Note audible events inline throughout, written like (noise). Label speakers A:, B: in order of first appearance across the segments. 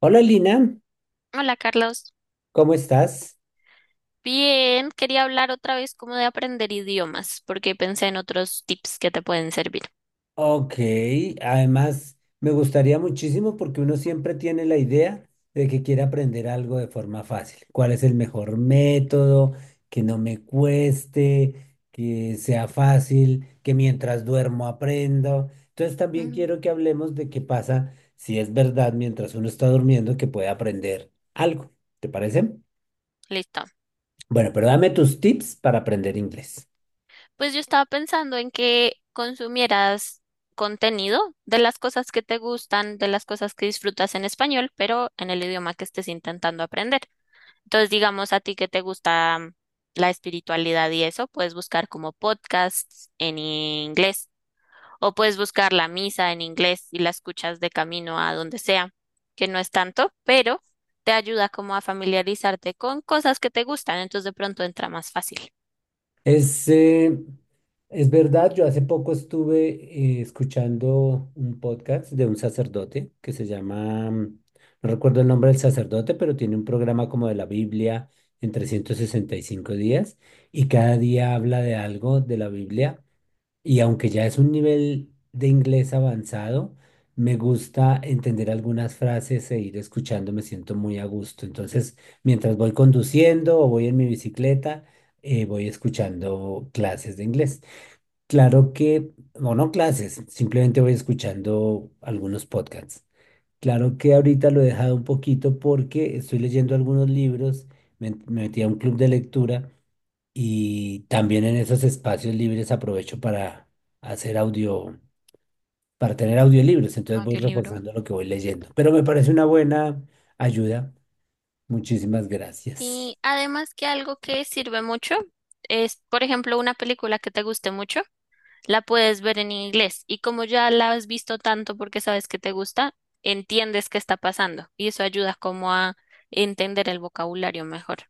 A: Hola Lina,
B: Hola Carlos,
A: ¿cómo estás?
B: bien, quería hablar otra vez como de aprender idiomas, porque pensé en otros tips que te pueden servir.
A: Ok, además me gustaría muchísimo porque uno siempre tiene la idea de que quiere aprender algo de forma fácil. ¿Cuál es el mejor método? Que no me cueste, que sea fácil, que mientras duermo aprendo. Entonces también
B: Mm.
A: quiero que hablemos de qué pasa si es verdad mientras uno está durmiendo que puede aprender algo. ¿Te parece?
B: Listo.
A: Bueno, pero dame tus tips para aprender inglés.
B: Pues yo estaba pensando en que consumieras contenido de las cosas que te gustan, de las cosas que disfrutas en español, pero en el idioma que estés intentando aprender. Entonces, digamos, a ti que te gusta la espiritualidad y eso, puedes buscar como podcasts en inglés o puedes buscar la misa en inglés y la escuchas de camino a donde sea, que no es tanto, pero te ayuda como a familiarizarte con cosas que te gustan, entonces de pronto entra más fácil.
A: Es, eh, es verdad, yo hace poco estuve escuchando un podcast de un sacerdote que se llama, no recuerdo el nombre del sacerdote, pero tiene un programa como de la Biblia en 365 días y cada día habla de algo de la Biblia. Y aunque ya es un nivel de inglés avanzado, me gusta entender algunas frases e ir escuchando, me siento muy a gusto. Entonces, mientras voy conduciendo o voy en mi bicicleta, voy escuchando clases de inglés. Claro que, o no clases, simplemente voy escuchando algunos podcasts. Claro que ahorita lo he dejado un poquito porque estoy leyendo algunos libros, me metí a un club de lectura. Y también en esos espacios libres aprovecho para hacer audio, para tener audiolibros. Entonces voy
B: Audiolibro.
A: reforzando lo que voy leyendo. Pero me parece una buena ayuda. Muchísimas gracias.
B: Y además que algo que sirve mucho es, por ejemplo, una película que te guste mucho, la puedes ver en inglés, y como ya la has visto tanto porque sabes que te gusta, entiendes qué está pasando y eso ayuda como a entender el vocabulario mejor.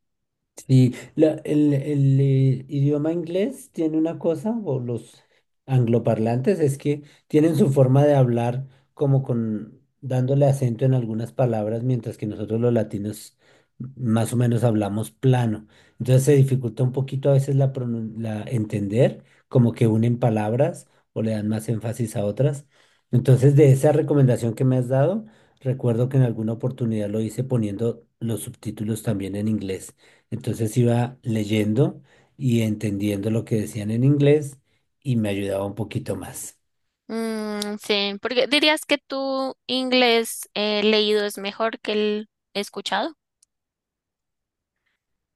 A: Sí, el idioma inglés tiene una cosa, o los angloparlantes, es que tienen su forma de hablar como con dándole acento en algunas palabras, mientras que nosotros los latinos más o menos hablamos plano. Entonces se dificulta un poquito a veces la entender, como que unen palabras o le dan más énfasis a otras. Entonces, de esa recomendación que me has dado, recuerdo que en alguna oportunidad lo hice poniendo los subtítulos también en inglés. Entonces iba leyendo y entendiendo lo que decían en inglés y me ayudaba un poquito más.
B: Mm, sí, porque dirías que tu inglés leído es mejor que el escuchado.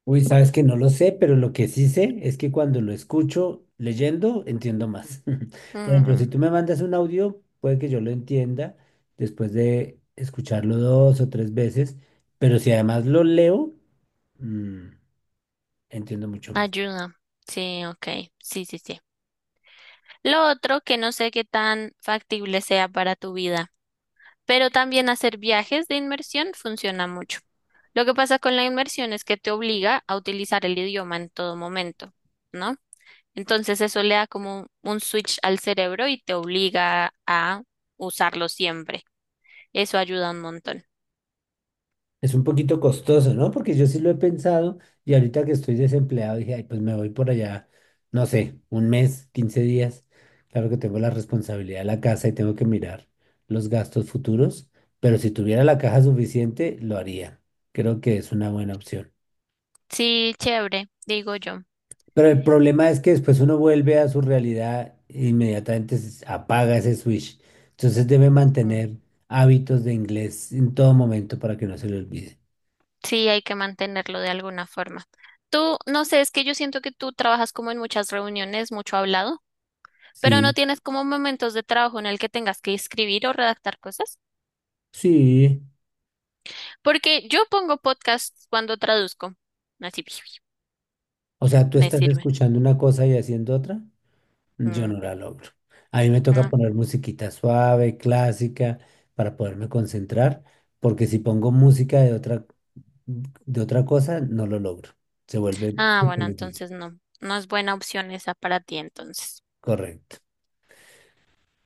A: Uy, sabes que no lo sé, pero lo que sí sé es que cuando lo escucho leyendo, entiendo más. (laughs) Por ejemplo, si
B: Mm,
A: tú me mandas un audio, puede que yo lo entienda después de escucharlo dos o tres veces, pero si además lo leo, mm, entiendo mucho más.
B: ayuda. Sí, ok. Sí, sí, sí. Lo otro que no sé qué tan factible sea para tu vida, pero también hacer viajes de inmersión funciona mucho. Lo que pasa con la inmersión es que te obliga a utilizar el idioma en todo momento, ¿no? Entonces eso le da como un switch al cerebro y te obliga a usarlo siempre. Eso ayuda un montón.
A: Es un poquito costoso, ¿no? Porque yo sí lo he pensado y ahorita que estoy desempleado dije, ay, pues me voy por allá, no sé, un mes, 15 días. Claro que tengo la responsabilidad de la casa y tengo que mirar los gastos futuros, pero si tuviera la caja suficiente, lo haría. Creo que es una buena opción.
B: Sí, chévere, digo yo.
A: Pero el problema es que después uno vuelve a su realidad e inmediatamente se apaga ese switch. Entonces debe
B: Mm.
A: mantener hábitos de inglés en todo momento para que no se le olvide.
B: Sí, hay que mantenerlo de alguna forma. Tú, no sé, es que yo siento que tú trabajas como en muchas reuniones, mucho hablado, pero no
A: Sí,
B: tienes como momentos de trabajo en el que tengas que escribir o redactar cosas.
A: sí.
B: Porque yo pongo podcasts cuando traduzco. Así, (laughs)
A: O sea, tú
B: me
A: estás
B: sirve.
A: escuchando una cosa y haciendo otra. Yo
B: Mm,
A: no la logro. A mí me toca
B: no.
A: poner musiquita suave, clásica, para poderme concentrar, porque si pongo música de otra cosa, no lo logro. Se vuelve
B: Ah,
A: súper
B: bueno,
A: difícil.
B: entonces no. No es buena opción esa para ti entonces.
A: Correcto.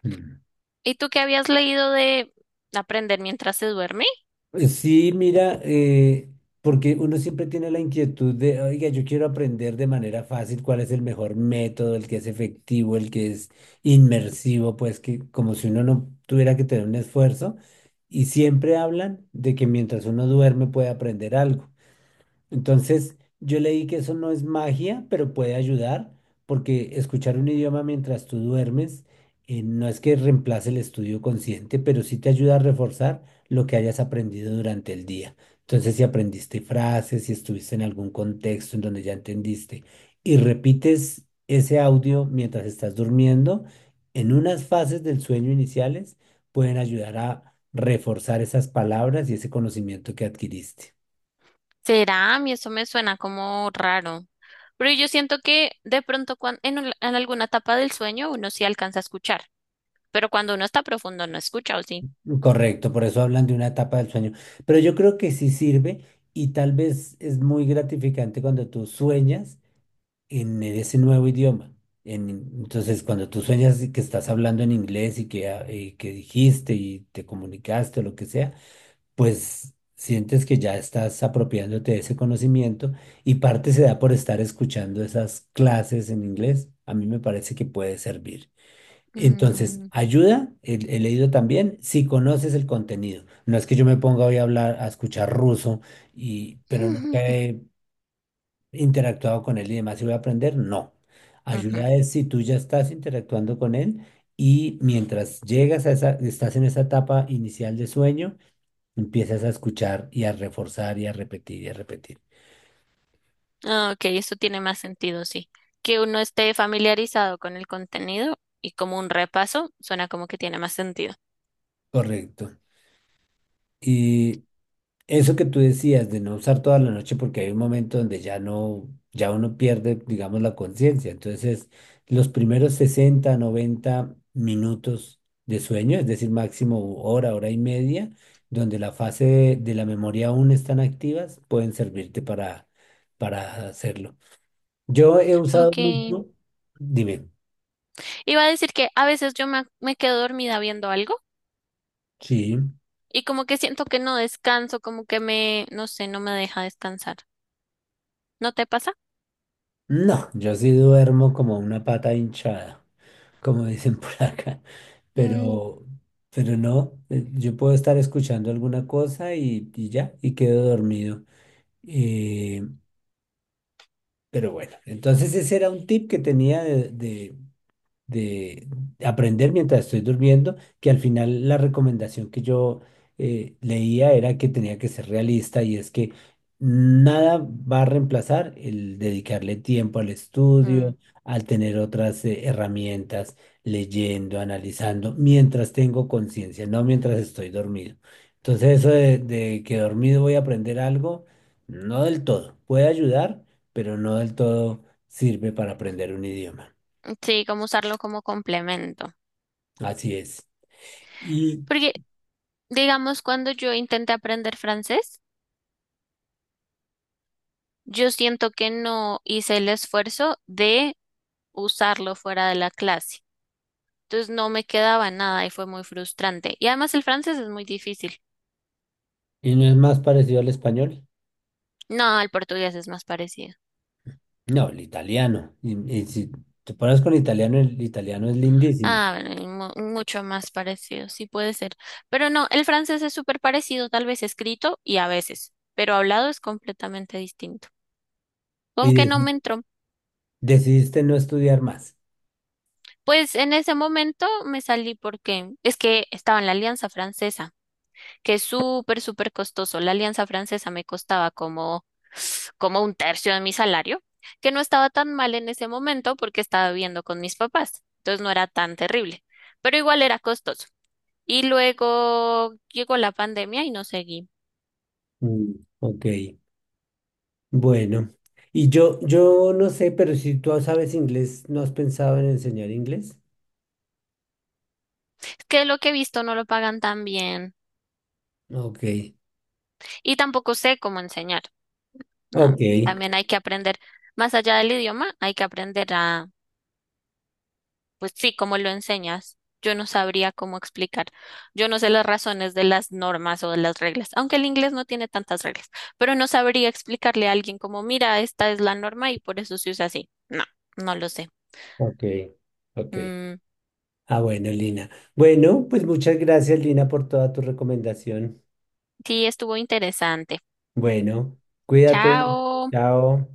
A: Mm.
B: ¿Y tú qué habías leído de aprender mientras se duerme?
A: Sí, mira, porque uno siempre tiene la inquietud de, oiga, yo quiero aprender de manera fácil cuál es el mejor método, el que es efectivo, el que es inmersivo, pues que como si uno no tuviera que tener un esfuerzo. Y siempre hablan de que mientras uno duerme puede aprender algo. Entonces, yo leí que eso no es magia, pero puede ayudar, porque escuchar un idioma mientras tú duermes no es que reemplace el estudio consciente, pero sí te ayuda a reforzar lo que hayas aprendido durante el día. Entonces, si aprendiste frases, si estuviste en algún contexto en donde ya entendiste y repites ese audio mientras estás durmiendo, en unas fases del sueño iniciales pueden ayudar a reforzar esas palabras y ese conocimiento que adquiriste.
B: ¿Será? A mí eso me suena como raro. Pero yo siento que de pronto en alguna etapa del sueño uno sí alcanza a escuchar. Pero cuando uno está profundo no escucha, ¿o sí?
A: Correcto, por eso hablan de una etapa del sueño. Pero yo creo que sí sirve y tal vez es muy gratificante cuando tú sueñas en ese nuevo idioma. En- entonces, cuando tú sueñas y que estás hablando en inglés y que, ah, y que dijiste y te comunicaste o lo que sea, pues sientes que ya estás apropiándote de ese conocimiento y parte se da por estar escuchando esas clases en inglés. A mí me parece que puede servir. Entonces,
B: Mm.
A: ayuda, he leído también, si conoces el contenido. No es que yo me ponga hoy a hablar, a escuchar ruso, pero nunca
B: (laughs)
A: he interactuado con él y demás y voy a aprender, no.
B: Ujú.
A: Ayuda es si tú ya estás interactuando con él y mientras llegas a estás en esa etapa inicial de sueño, empiezas a escuchar y a reforzar y a repetir y a repetir.
B: Ah, ok, eso tiene más sentido, sí. Que uno esté familiarizado con el contenido y como un repaso, suena como que tiene más sentido.
A: Correcto, y eso que tú decías de no usar toda la noche porque hay un momento donde ya no, ya uno pierde, digamos, la conciencia. Entonces, los primeros 60-90 minutos de sueño, es decir, máximo hora, hora y media, donde la fase de la memoria aún están activas, pueden servirte para hacerlo. Yo he usado
B: Ok.
A: mucho, dime,
B: Iba a decir que a veces yo me quedo dormida viendo algo,
A: sí,
B: y como que siento que no descanso, como que me, no sé, no me deja descansar. ¿No te pasa?
A: no, yo sí duermo como una pata hinchada, como dicen por acá,
B: Mm,
A: pero, pero no, yo puedo estar escuchando alguna cosa y ya, y quedo dormido. Eh, pero bueno, entonces ese era un tip que tenía de aprender mientras estoy durmiendo, que al final la recomendación que yo leía era que tenía que ser realista y es que nada va a reemplazar el dedicarle tiempo al estudio,
B: mm.
A: al tener otras herramientas, leyendo, analizando, mientras tengo conciencia, no mientras estoy dormido. Entonces eso de que dormido voy a aprender algo, no del todo, puede ayudar, pero no del todo sirve para aprender un idioma.
B: Sí, como usarlo como complemento.
A: Así es. Y,
B: Porque, digamos, cuando yo intenté aprender francés, yo siento que no hice el esfuerzo de usarlo fuera de la clase. Entonces no me quedaba nada y fue muy frustrante. Y además el francés es muy difícil.
A: y no es más parecido al español.
B: No, el portugués es más parecido.
A: No, el italiano. Y si te pones con italiano, el italiano es lindísimo.
B: Ah, bueno, y mucho más parecido, sí puede ser. Pero no, el francés es súper parecido, tal vez escrito y a veces, pero hablado es completamente distinto.
A: Y
B: Como que no
A: deci-
B: me entró.
A: Decidiste no estudiar más.
B: Pues en ese momento me salí porque es que estaba en la Alianza Francesa, que es súper, súper costoso. La Alianza Francesa me costaba como, como un tercio de mi salario, que no estaba tan mal en ese momento porque estaba viviendo con mis papás, entonces no era tan terrible, pero igual era costoso. Y luego llegó la pandemia y no seguí.
A: Mm, ok, bueno. Y yo no sé, pero si tú sabes inglés, ¿no has pensado en enseñar inglés?
B: Es que lo que he visto no lo pagan tan bien
A: Ok,
B: y tampoco sé cómo enseñar, ¿no?
A: ok,
B: También hay que aprender, más allá del idioma, hay que aprender a... Pues sí, como lo enseñas, yo no sabría cómo explicar. Yo no sé las razones de las normas o de las reglas, aunque el inglés no tiene tantas reglas, pero no sabría explicarle a alguien como, mira, esta es la norma y por eso se usa así. No, no lo sé.
A: ok, ok.
B: Mm,
A: Ah, bueno, Lina. Bueno, pues muchas gracias, Lina, por toda tu recomendación.
B: sí, estuvo interesante.
A: Bueno, cuídate.
B: Chao.
A: Chao.